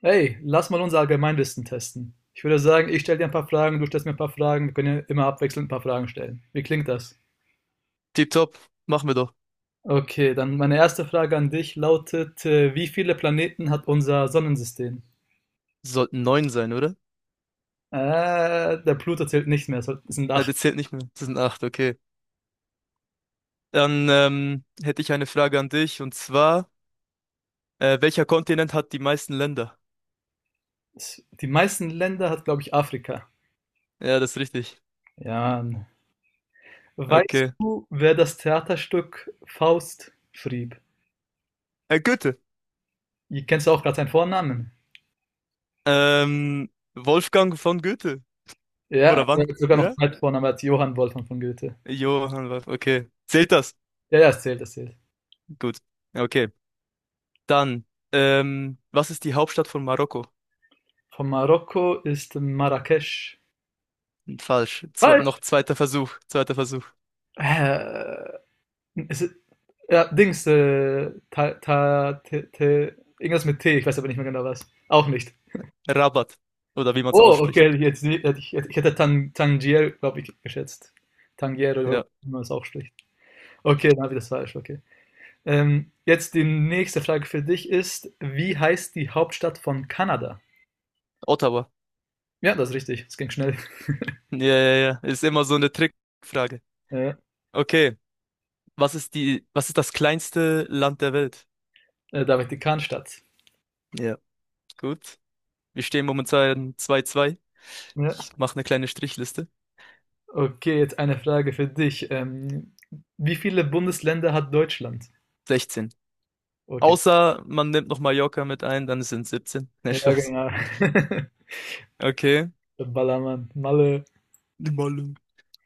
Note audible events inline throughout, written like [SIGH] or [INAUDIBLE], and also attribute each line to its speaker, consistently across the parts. Speaker 1: Hey, lass mal unser Allgemeinwissen testen. Ich würde sagen, ich stelle dir ein paar Fragen, du stellst mir ein paar Fragen. Wir können ja immer abwechselnd ein paar Fragen stellen. Wie klingt das?
Speaker 2: Tipptopp, machen wir doch.
Speaker 1: Okay, dann meine erste Frage an dich lautet, wie viele Planeten hat unser Sonnensystem?
Speaker 2: Sollten 9 sein, oder?
Speaker 1: Äh, Der Pluto zählt nicht mehr, es sind
Speaker 2: Na,
Speaker 1: acht.
Speaker 2: das zählt nicht mehr. Das sind 8, okay. Dann hätte ich eine Frage an dich, und zwar, welcher Kontinent hat die meisten Länder?
Speaker 1: Die meisten Länder hat, glaube ich, Afrika.
Speaker 2: Ja, das ist richtig.
Speaker 1: Ja. Weißt
Speaker 2: Okay.
Speaker 1: du, wer das Theaterstück Faust schrieb?
Speaker 2: Goethe.
Speaker 1: Ihr kennst du auch gerade seinen Vornamen?
Speaker 2: Wolfgang von Goethe.
Speaker 1: Ja,
Speaker 2: Oder
Speaker 1: aber
Speaker 2: wann?
Speaker 1: er hat sogar noch
Speaker 2: Ja?
Speaker 1: einen Vornamen als Johann Wolfgang von Goethe.
Speaker 2: Johann Wolf. Okay. Zählt das?
Speaker 1: Ja, ja, es zählt, es zählt.
Speaker 2: Gut. Okay. Dann, was ist die Hauptstadt von Marokko?
Speaker 1: Von Marokko ist Marrakesch.
Speaker 2: Falsch. Zwe
Speaker 1: Falsch.
Speaker 2: Noch zweiter Versuch. Zweiter Versuch.
Speaker 1: Äh, ist, ja, Dings, ta, ta, te, te, irgendwas mit T, ich weiß aber nicht mehr genau was. Auch nicht.
Speaker 2: Rabat. Oder wie man es
Speaker 1: Oh,
Speaker 2: ausspricht.
Speaker 1: okay, jetzt, ich hätte Tangier, glaube ich, geschätzt. Tangier oder
Speaker 2: Ja.
Speaker 1: wie man es auch spricht. Okay, dann habe ich das falsch, okay. Jetzt die nächste Frage für dich ist, wie heißt die Hauptstadt von Kanada?
Speaker 2: Ottawa.
Speaker 1: Ja, das ist richtig, es ging schnell. [LAUGHS]
Speaker 2: Ja, ja, ja. Ist immer so eine Trickfrage.
Speaker 1: Äh,
Speaker 2: Okay. Was ist das kleinste Land der Welt?
Speaker 1: David die Kahnstadt.
Speaker 2: Ja, gut. Wir stehen momentan 2-2.
Speaker 1: Ja.
Speaker 2: Ich mache eine kleine Strichliste.
Speaker 1: Okay, jetzt eine Frage für dich. Wie viele Bundesländer hat Deutschland?
Speaker 2: 16.
Speaker 1: Okay.
Speaker 2: Außer man nimmt noch Mallorca mit ein, dann sind 17. [LAUGHS] Nein,
Speaker 1: Ja,
Speaker 2: Spaß.
Speaker 1: genau. [LAUGHS]
Speaker 2: Okay.
Speaker 1: Ballermann, Malle.
Speaker 2: Die Malle.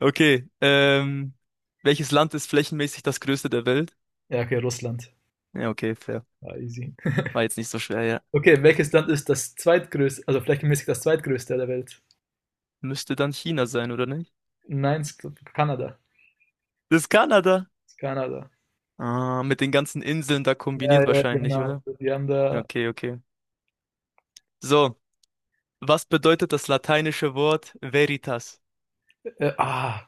Speaker 2: Okay. Welches Land ist flächenmäßig das größte der Welt?
Speaker 1: Ja, okay, Russland.
Speaker 2: Ja, okay, fair.
Speaker 1: Ja, easy.
Speaker 2: War jetzt nicht so schwer, ja.
Speaker 1: Okay, welches Land ist das zweitgrößte, also flächenmäßig das zweitgrößte der Welt?
Speaker 2: Müsste dann China sein, oder nicht?
Speaker 1: Nein, Kanada.
Speaker 2: Das ist Kanada.
Speaker 1: Kanada.
Speaker 2: Ah, mit den ganzen Inseln da
Speaker 1: Ja,
Speaker 2: kombiniert
Speaker 1: ja,
Speaker 2: wahrscheinlich.
Speaker 1: genau. Die haben da.
Speaker 2: Okay, okay. So, was bedeutet das lateinische Wort Veritas?
Speaker 1: äh, ah,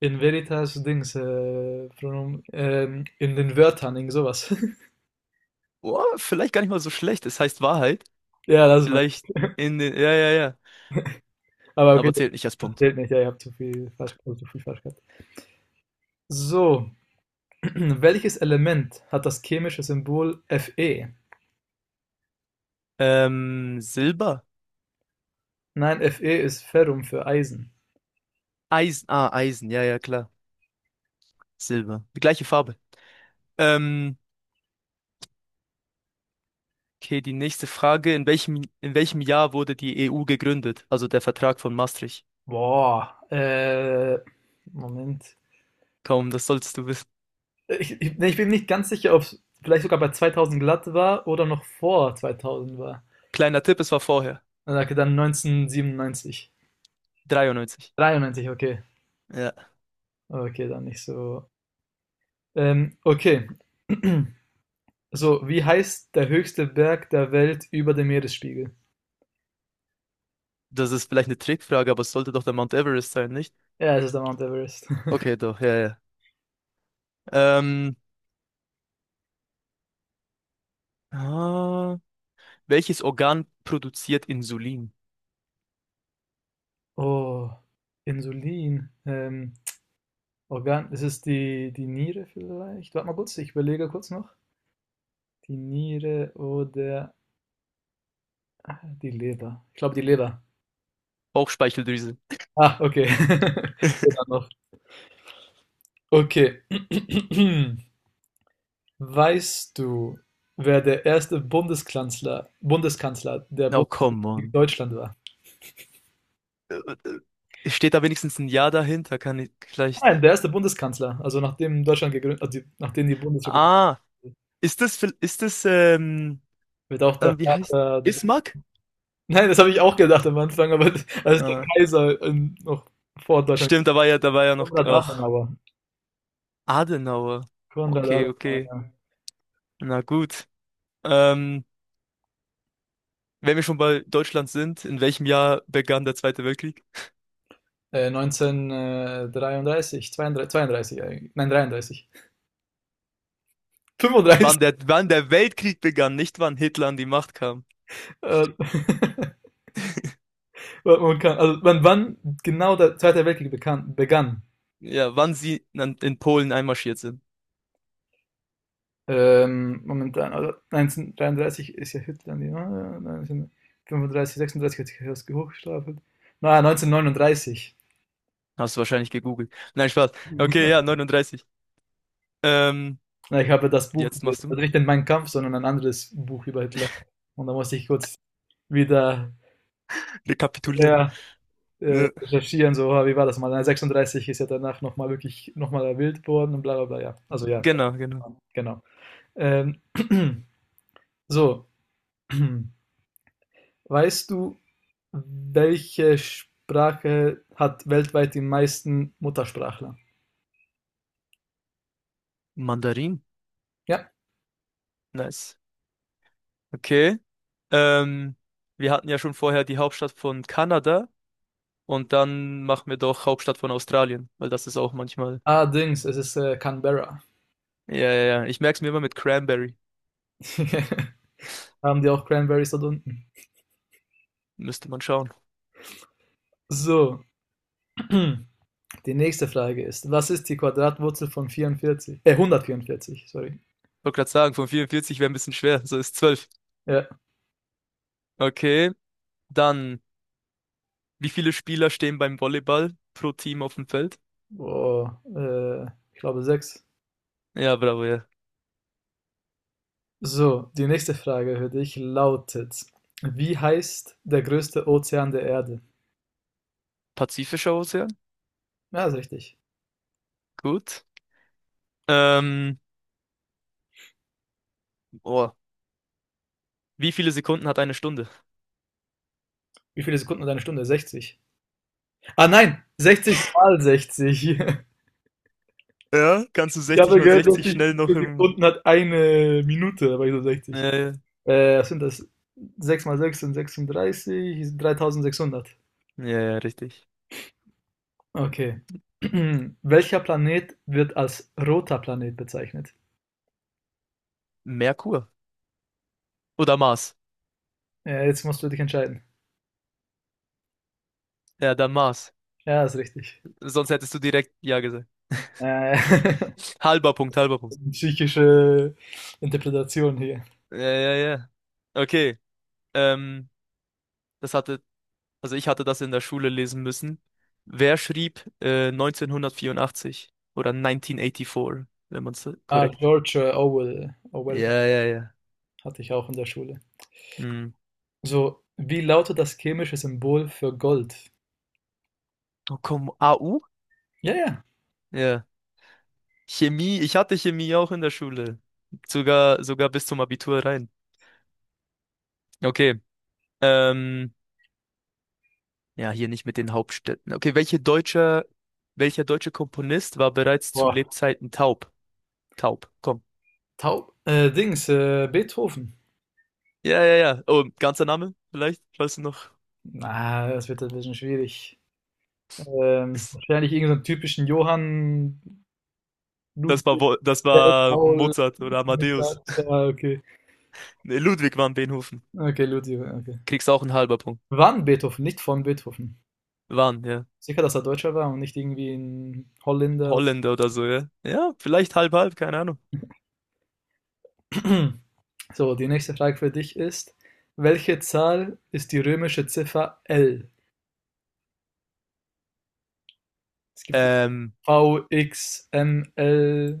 Speaker 1: in veritas Dings, Pronomen, in den Wörtern, irgend sowas. [LAUGHS]
Speaker 2: Oh, vielleicht gar nicht mal so schlecht. Es heißt Wahrheit.
Speaker 1: Ja, lass mal.
Speaker 2: Vielleicht in den. Ja, ja, ja.
Speaker 1: Aber okay,
Speaker 2: Aber zählt nicht als
Speaker 1: das
Speaker 2: Punkt.
Speaker 1: zählt nicht. Ja, ihr habt zu viel falsch, also zu viel falsch gehabt. So, [CLEARS THROAT] welches Element hat das chemische Symbol Fe?
Speaker 2: Silber?
Speaker 1: Nein, Fe ist Ferrum für Eisen.
Speaker 2: Eisen. Ah, Eisen. Ja, ja, klar. Silber. Die gleiche Farbe. Ähm, okay, die nächste Frage. In welchem Jahr wurde die EU gegründet? Also der Vertrag von Maastricht.
Speaker 1: Boah, Moment.
Speaker 2: Kaum, das solltest du wissen.
Speaker 1: Nee, ich bin nicht ganz sicher, ob es vielleicht sogar bei 2000 glatt war oder noch vor 2000 war.
Speaker 2: Kleiner Tipp, es war vorher.
Speaker 1: Na, danke, dann 1997.
Speaker 2: 93.
Speaker 1: 93, okay.
Speaker 2: Ja.
Speaker 1: Okay, dann nicht so. Okay. [CLEARS THROAT] So, wie heißt der höchste Berg der Welt über dem Meeresspiegel?
Speaker 2: Das ist vielleicht eine Trickfrage, aber es sollte doch der Mount Everest sein, nicht?
Speaker 1: Ja, es ist der Mount Everest. [LAUGHS]
Speaker 2: Okay, doch, ja, ja. Ähm, ah, welches Organ produziert Insulin?
Speaker 1: Oh, Insulin. Organ, ist es die Niere vielleicht? Warte mal kurz, ich überlege kurz noch. Die Niere oder die Leber. Ich glaube, die Leber.
Speaker 2: Bauchspeicheldrüse.
Speaker 1: Ah, okay. [LAUGHS] Leber
Speaker 2: [LAUGHS]
Speaker 1: noch. Okay. [CLEARS THROAT] Weißt du, wer der erste Bundeskanzler der
Speaker 2: Oh, come
Speaker 1: Bundesrepublik
Speaker 2: on.
Speaker 1: Deutschland war?
Speaker 2: Äh, Steht da wenigstens ein Ja dahinter? Kann ich vielleicht.
Speaker 1: Nein, der erste Bundeskanzler, also nachdem Deutschland gegründet, also nachdem die Bundesrepublik
Speaker 2: Ah, ist das,
Speaker 1: wird auch der
Speaker 2: wie heißt?
Speaker 1: Vater.
Speaker 2: Bismarck?
Speaker 1: Nein, das habe ich auch gedacht am Anfang, aber [LAUGHS] als der
Speaker 2: Ah,
Speaker 1: Kaiser noch vor Deutschland
Speaker 2: stimmt, da war ja noch,
Speaker 1: 100 Jahre,
Speaker 2: ach,
Speaker 1: aber
Speaker 2: Adenauer.
Speaker 1: 100
Speaker 2: Okay,
Speaker 1: Jahre.
Speaker 2: okay.
Speaker 1: Ja.
Speaker 2: Na gut. Ähm, wenn wir schon bei Deutschland sind, in welchem Jahr begann der Zweite Weltkrieg?
Speaker 1: 1933, 32, 32 eigentlich. Nein, 33. 35.
Speaker 2: Wann der Weltkrieg begann, nicht wann Hitler an die Macht kam.
Speaker 1: Äh, [LAUGHS] man kann, also wann genau der Zweite Weltkrieg begann?
Speaker 2: Ja, wann sie in Polen einmarschiert sind.
Speaker 1: Momentan, also 1933 ist ja Hitler, die, ne? 1935, 36 hat sich ja erst hochgestapelt. Na, 1939.
Speaker 2: Hast du wahrscheinlich gegoogelt. Nein, Spaß. Okay, ja,
Speaker 1: [LAUGHS]
Speaker 2: 39. Ähm,
Speaker 1: Na, ich habe das Buch
Speaker 2: jetzt
Speaker 1: gelesen.
Speaker 2: machst du.
Speaker 1: Also nicht den Mein Kampf, sondern ein anderes Buch über Hitler. Und da musste ich kurz wieder.
Speaker 2: [LAUGHS] Rekapitulieren.
Speaker 1: Ja,
Speaker 2: Ja.
Speaker 1: recherchieren, so, wie war das mal? Na, 36 ist ja danach nochmal wirklich nochmal wild geworden und bla bla bla, ja. Also ja,
Speaker 2: Genau, genau.
Speaker 1: genau. Ähm, [CLEARS THROAT] so, [CLEARS THROAT] weißt du, welche Sprache hat weltweit die meisten Muttersprachler?
Speaker 2: Mandarin.
Speaker 1: Ja.
Speaker 2: Nice. Okay. Ähm, wir hatten ja schon vorher die Hauptstadt von Kanada, und dann machen wir doch Hauptstadt von Australien, weil das ist auch manchmal.
Speaker 1: Allerdings, es ist Canberra.
Speaker 2: Ja, ja, ja. Ich merke es mir immer mit Cranberry.
Speaker 1: [LAUGHS] Haben die auch Cranberries dort unten?
Speaker 2: Müsste man schauen.
Speaker 1: So, [CLEARS THROAT] die nächste Frage ist, was ist die Quadratwurzel von 44? 144, sorry.
Speaker 2: Wollte gerade sagen, von 44 wäre ein bisschen schwer. So ist 12.
Speaker 1: Ja,
Speaker 2: Okay. Dann. Wie viele Spieler stehen beim Volleyball pro Team auf dem Feld?
Speaker 1: Boah, ich glaube sechs.
Speaker 2: Ja, bravo, ja.
Speaker 1: So, die nächste Frage für dich lautet: Wie heißt der größte Ozean der Erde?
Speaker 2: Pazifischer Ozean.
Speaker 1: Ja, ist richtig.
Speaker 2: Gut. Ähm, oh. Wie viele Sekunden hat eine Stunde?
Speaker 1: Wie viele Sekunden hat eine Stunde? 60. Ah nein, 60 mal 60. [LAUGHS]
Speaker 2: Ja, kannst du
Speaker 1: Ich
Speaker 2: 60
Speaker 1: habe
Speaker 2: mal
Speaker 1: gehört,
Speaker 2: 60
Speaker 1: 60
Speaker 2: schnell noch im.
Speaker 1: Sekunden hat eine Minute, aber ich so
Speaker 2: Ja,
Speaker 1: 60.
Speaker 2: ja,
Speaker 1: Was sind das? Sechs mal 6 sind 36, ist 3.600.
Speaker 2: ja, ja, richtig.
Speaker 1: Okay. [CLEARS THROAT] Welcher Planet wird als roter Planet bezeichnet?
Speaker 2: Merkur. Oder Mars.
Speaker 1: Ja, jetzt musst du dich entscheiden.
Speaker 2: Ja, dann Mars.
Speaker 1: Ja, ist richtig.
Speaker 2: Sonst hättest du direkt Ja gesagt.
Speaker 1: Äh, [LAUGHS]
Speaker 2: Halber Punkt, halber Punkt.
Speaker 1: psychische Interpretation hier.
Speaker 2: Ja, ja, ja. Okay. Ähm, das hatte Also ich hatte das in der Schule lesen müssen. Wer schrieb 1984 oder 1984, wenn man es
Speaker 1: Ah,
Speaker 2: korrekt.
Speaker 1: George Orwell. Orwell
Speaker 2: Ja, ja, ja.
Speaker 1: hatte ich auch in der Schule.
Speaker 2: Hm.
Speaker 1: So, wie lautet das chemische Symbol für Gold?
Speaker 2: Oh komm, AU?
Speaker 1: Ja, ja.
Speaker 2: Ja. Chemie, ich hatte Chemie auch in der Schule. Sogar, sogar bis zum Abitur rein. Okay. Ähm, ja, hier nicht mit den Hauptstädten. Okay, welcher deutsche Komponist war bereits zu
Speaker 1: Boah.
Speaker 2: Lebzeiten taub? Taub, komm.
Speaker 1: Taub. Dings, Beethoven.
Speaker 2: Ja, ja, ja. Oh, ganzer Name vielleicht, weißt du noch.
Speaker 1: Na, das wird ein bisschen schwierig. Wahrscheinlich irgendeinen so typischen Johann Ludwig
Speaker 2: Das
Speaker 1: Feld,
Speaker 2: war
Speaker 1: Paul.
Speaker 2: Mozart oder
Speaker 1: Mittag.
Speaker 2: Amadeus. [LAUGHS]
Speaker 1: Ah, okay.
Speaker 2: Nee, Ludwig van Beethoven.
Speaker 1: Okay, Ludwig, okay.
Speaker 2: Kriegst auch einen halber Punkt.
Speaker 1: Wann Beethoven, nicht von Beethoven.
Speaker 2: Waren, ja.
Speaker 1: Sicher, dass er Deutscher war und nicht irgendwie ein Holländer.
Speaker 2: Holländer oder so, ja. Ja, vielleicht halb, halb, keine Ahnung.
Speaker 1: [CLEARS THROAT] So, die nächste Frage für dich ist, welche Zahl ist die römische Ziffer L? Es gibt die
Speaker 2: Ähm,
Speaker 1: V, X, M, L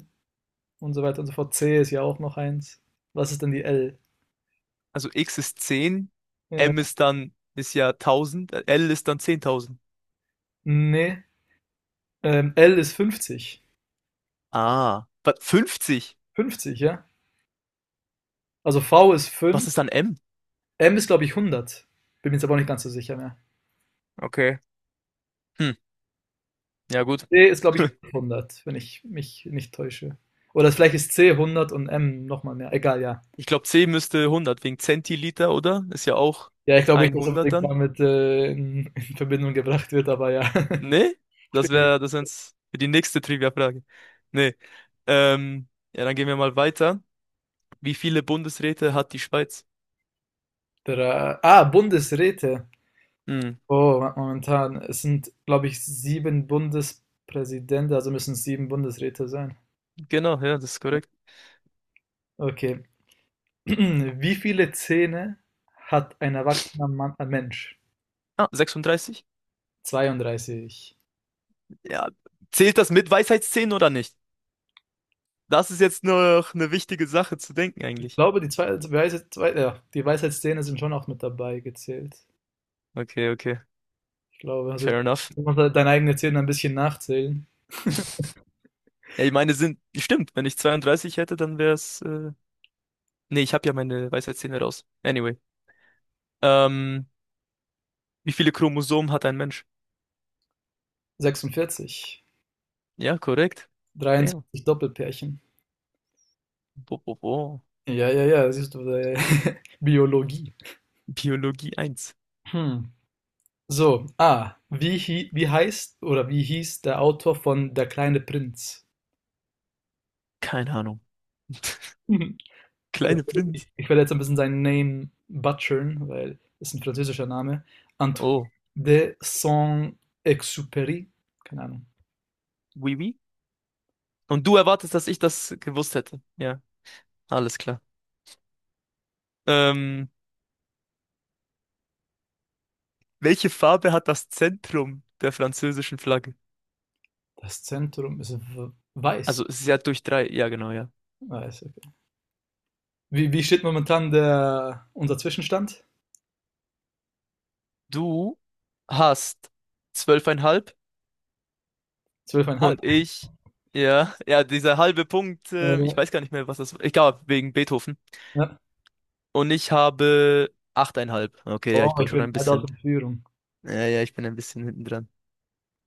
Speaker 1: und so weiter und so fort. C ist ja auch noch eins. Was ist denn die L?
Speaker 2: also X ist 10.
Speaker 1: Äh,
Speaker 2: M ist dann, ist ja 1000. L ist dann 10000.
Speaker 1: nee, L ist 50.
Speaker 2: Ah, was, 50.
Speaker 1: 50, ja? Also V ist 5,
Speaker 2: Was ist dann M?
Speaker 1: M ist glaube ich 100. Bin mir jetzt aber auch nicht ganz so sicher mehr.
Speaker 2: Okay. Hm, ja gut.
Speaker 1: C ist glaube ich
Speaker 2: [LAUGHS]
Speaker 1: 100, wenn ich mich nicht täusche. Oder vielleicht ist C 100 und M nochmal mehr. Egal, ja.
Speaker 2: Ich glaube, C müsste 100 wegen Zentiliter, oder? Ist ja auch
Speaker 1: Ja, ich glaube nicht, dass
Speaker 2: 100
Speaker 1: unbedingt
Speaker 2: dann.
Speaker 1: damit, in Verbindung gebracht wird, aber ja. [LAUGHS]
Speaker 2: Nee?
Speaker 1: Ich
Speaker 2: Das
Speaker 1: bin
Speaker 2: wäre das wär's für die nächste Trivia-Frage. Nee. Ähm, ja, dann gehen wir mal weiter. Wie viele Bundesräte hat die Schweiz?
Speaker 1: dra ah, Bundesräte.
Speaker 2: Hm,
Speaker 1: Oh, momentan. Es sind, glaube ich, sieben Bundespräsidenten, also müssen es sieben Bundesräte sein.
Speaker 2: genau, ja, das ist korrekt.
Speaker 1: Okay. [CLEARS THROAT] Wie viele Zähne hat ein erwachsener Mann, ein Mensch?
Speaker 2: Ah, 36?
Speaker 1: 32.
Speaker 2: Ja. Zählt das mit Weisheitszähnen oder nicht? Das ist jetzt noch eine wichtige Sache zu denken
Speaker 1: Ich
Speaker 2: eigentlich.
Speaker 1: glaube, die zwei, Weisheit, zwei, ja, die Weisheitszähne sind schon auch mit dabei gezählt.
Speaker 2: Okay, okay.
Speaker 1: Ich glaube, also
Speaker 2: Fair enough.
Speaker 1: du musst halt deine eigenen Zähne ein bisschen nachzählen.
Speaker 2: Ja, ich meine, sind, stimmt, wenn ich 32 hätte, dann wäre es, nee, ich habe ja meine Weisheitszähne raus. Anyway. Ähm, wie viele Chromosomen hat ein Mensch?
Speaker 1: 46.
Speaker 2: Ja, korrekt. Damn.
Speaker 1: 23 Doppelpärchen.
Speaker 2: Bo, bo, bo.
Speaker 1: Ja, ja, ja, siehst du, [LAUGHS] Biologie.
Speaker 2: Biologie eins,
Speaker 1: Hm. So, wie heißt oder wie hieß der Autor von Der kleine Prinz?
Speaker 2: keine Ahnung.
Speaker 1: [LAUGHS] Mhm.
Speaker 2: Kleine
Speaker 1: Ich,
Speaker 2: Blind.
Speaker 1: ich werde jetzt ein bisschen seinen Namen butchern, weil es ein französischer Name. Antoine
Speaker 2: Oh,
Speaker 1: de Saint-Exupéry. Keine Ahnung.
Speaker 2: oui, oui. Und du erwartest, dass ich das gewusst hätte. Ja, alles klar. Ähm, welche Farbe hat das Zentrum der französischen Flagge?
Speaker 1: Das Zentrum ist weiß.
Speaker 2: Also, es ist ja durch drei. Ja, genau, ja.
Speaker 1: Weiß, okay. Wie steht momentan unser Zwischenstand?
Speaker 2: Du hast zwölfeinhalb
Speaker 1: 12,5.
Speaker 2: und ich, ja, ja, dieser halbe Punkt,
Speaker 1: Oh,
Speaker 2: ich
Speaker 1: ja.
Speaker 2: weiß gar nicht mehr, was das war. Egal, wegen Beethoven.
Speaker 1: Ja.
Speaker 2: Und ich habe achteinhalb. Okay, ja,
Speaker 1: Oh,
Speaker 2: ich bin
Speaker 1: ich
Speaker 2: schon ein
Speaker 1: bin weit aus
Speaker 2: bisschen,
Speaker 1: der Führung.
Speaker 2: ja, ja, ich bin ein bisschen hinten dran.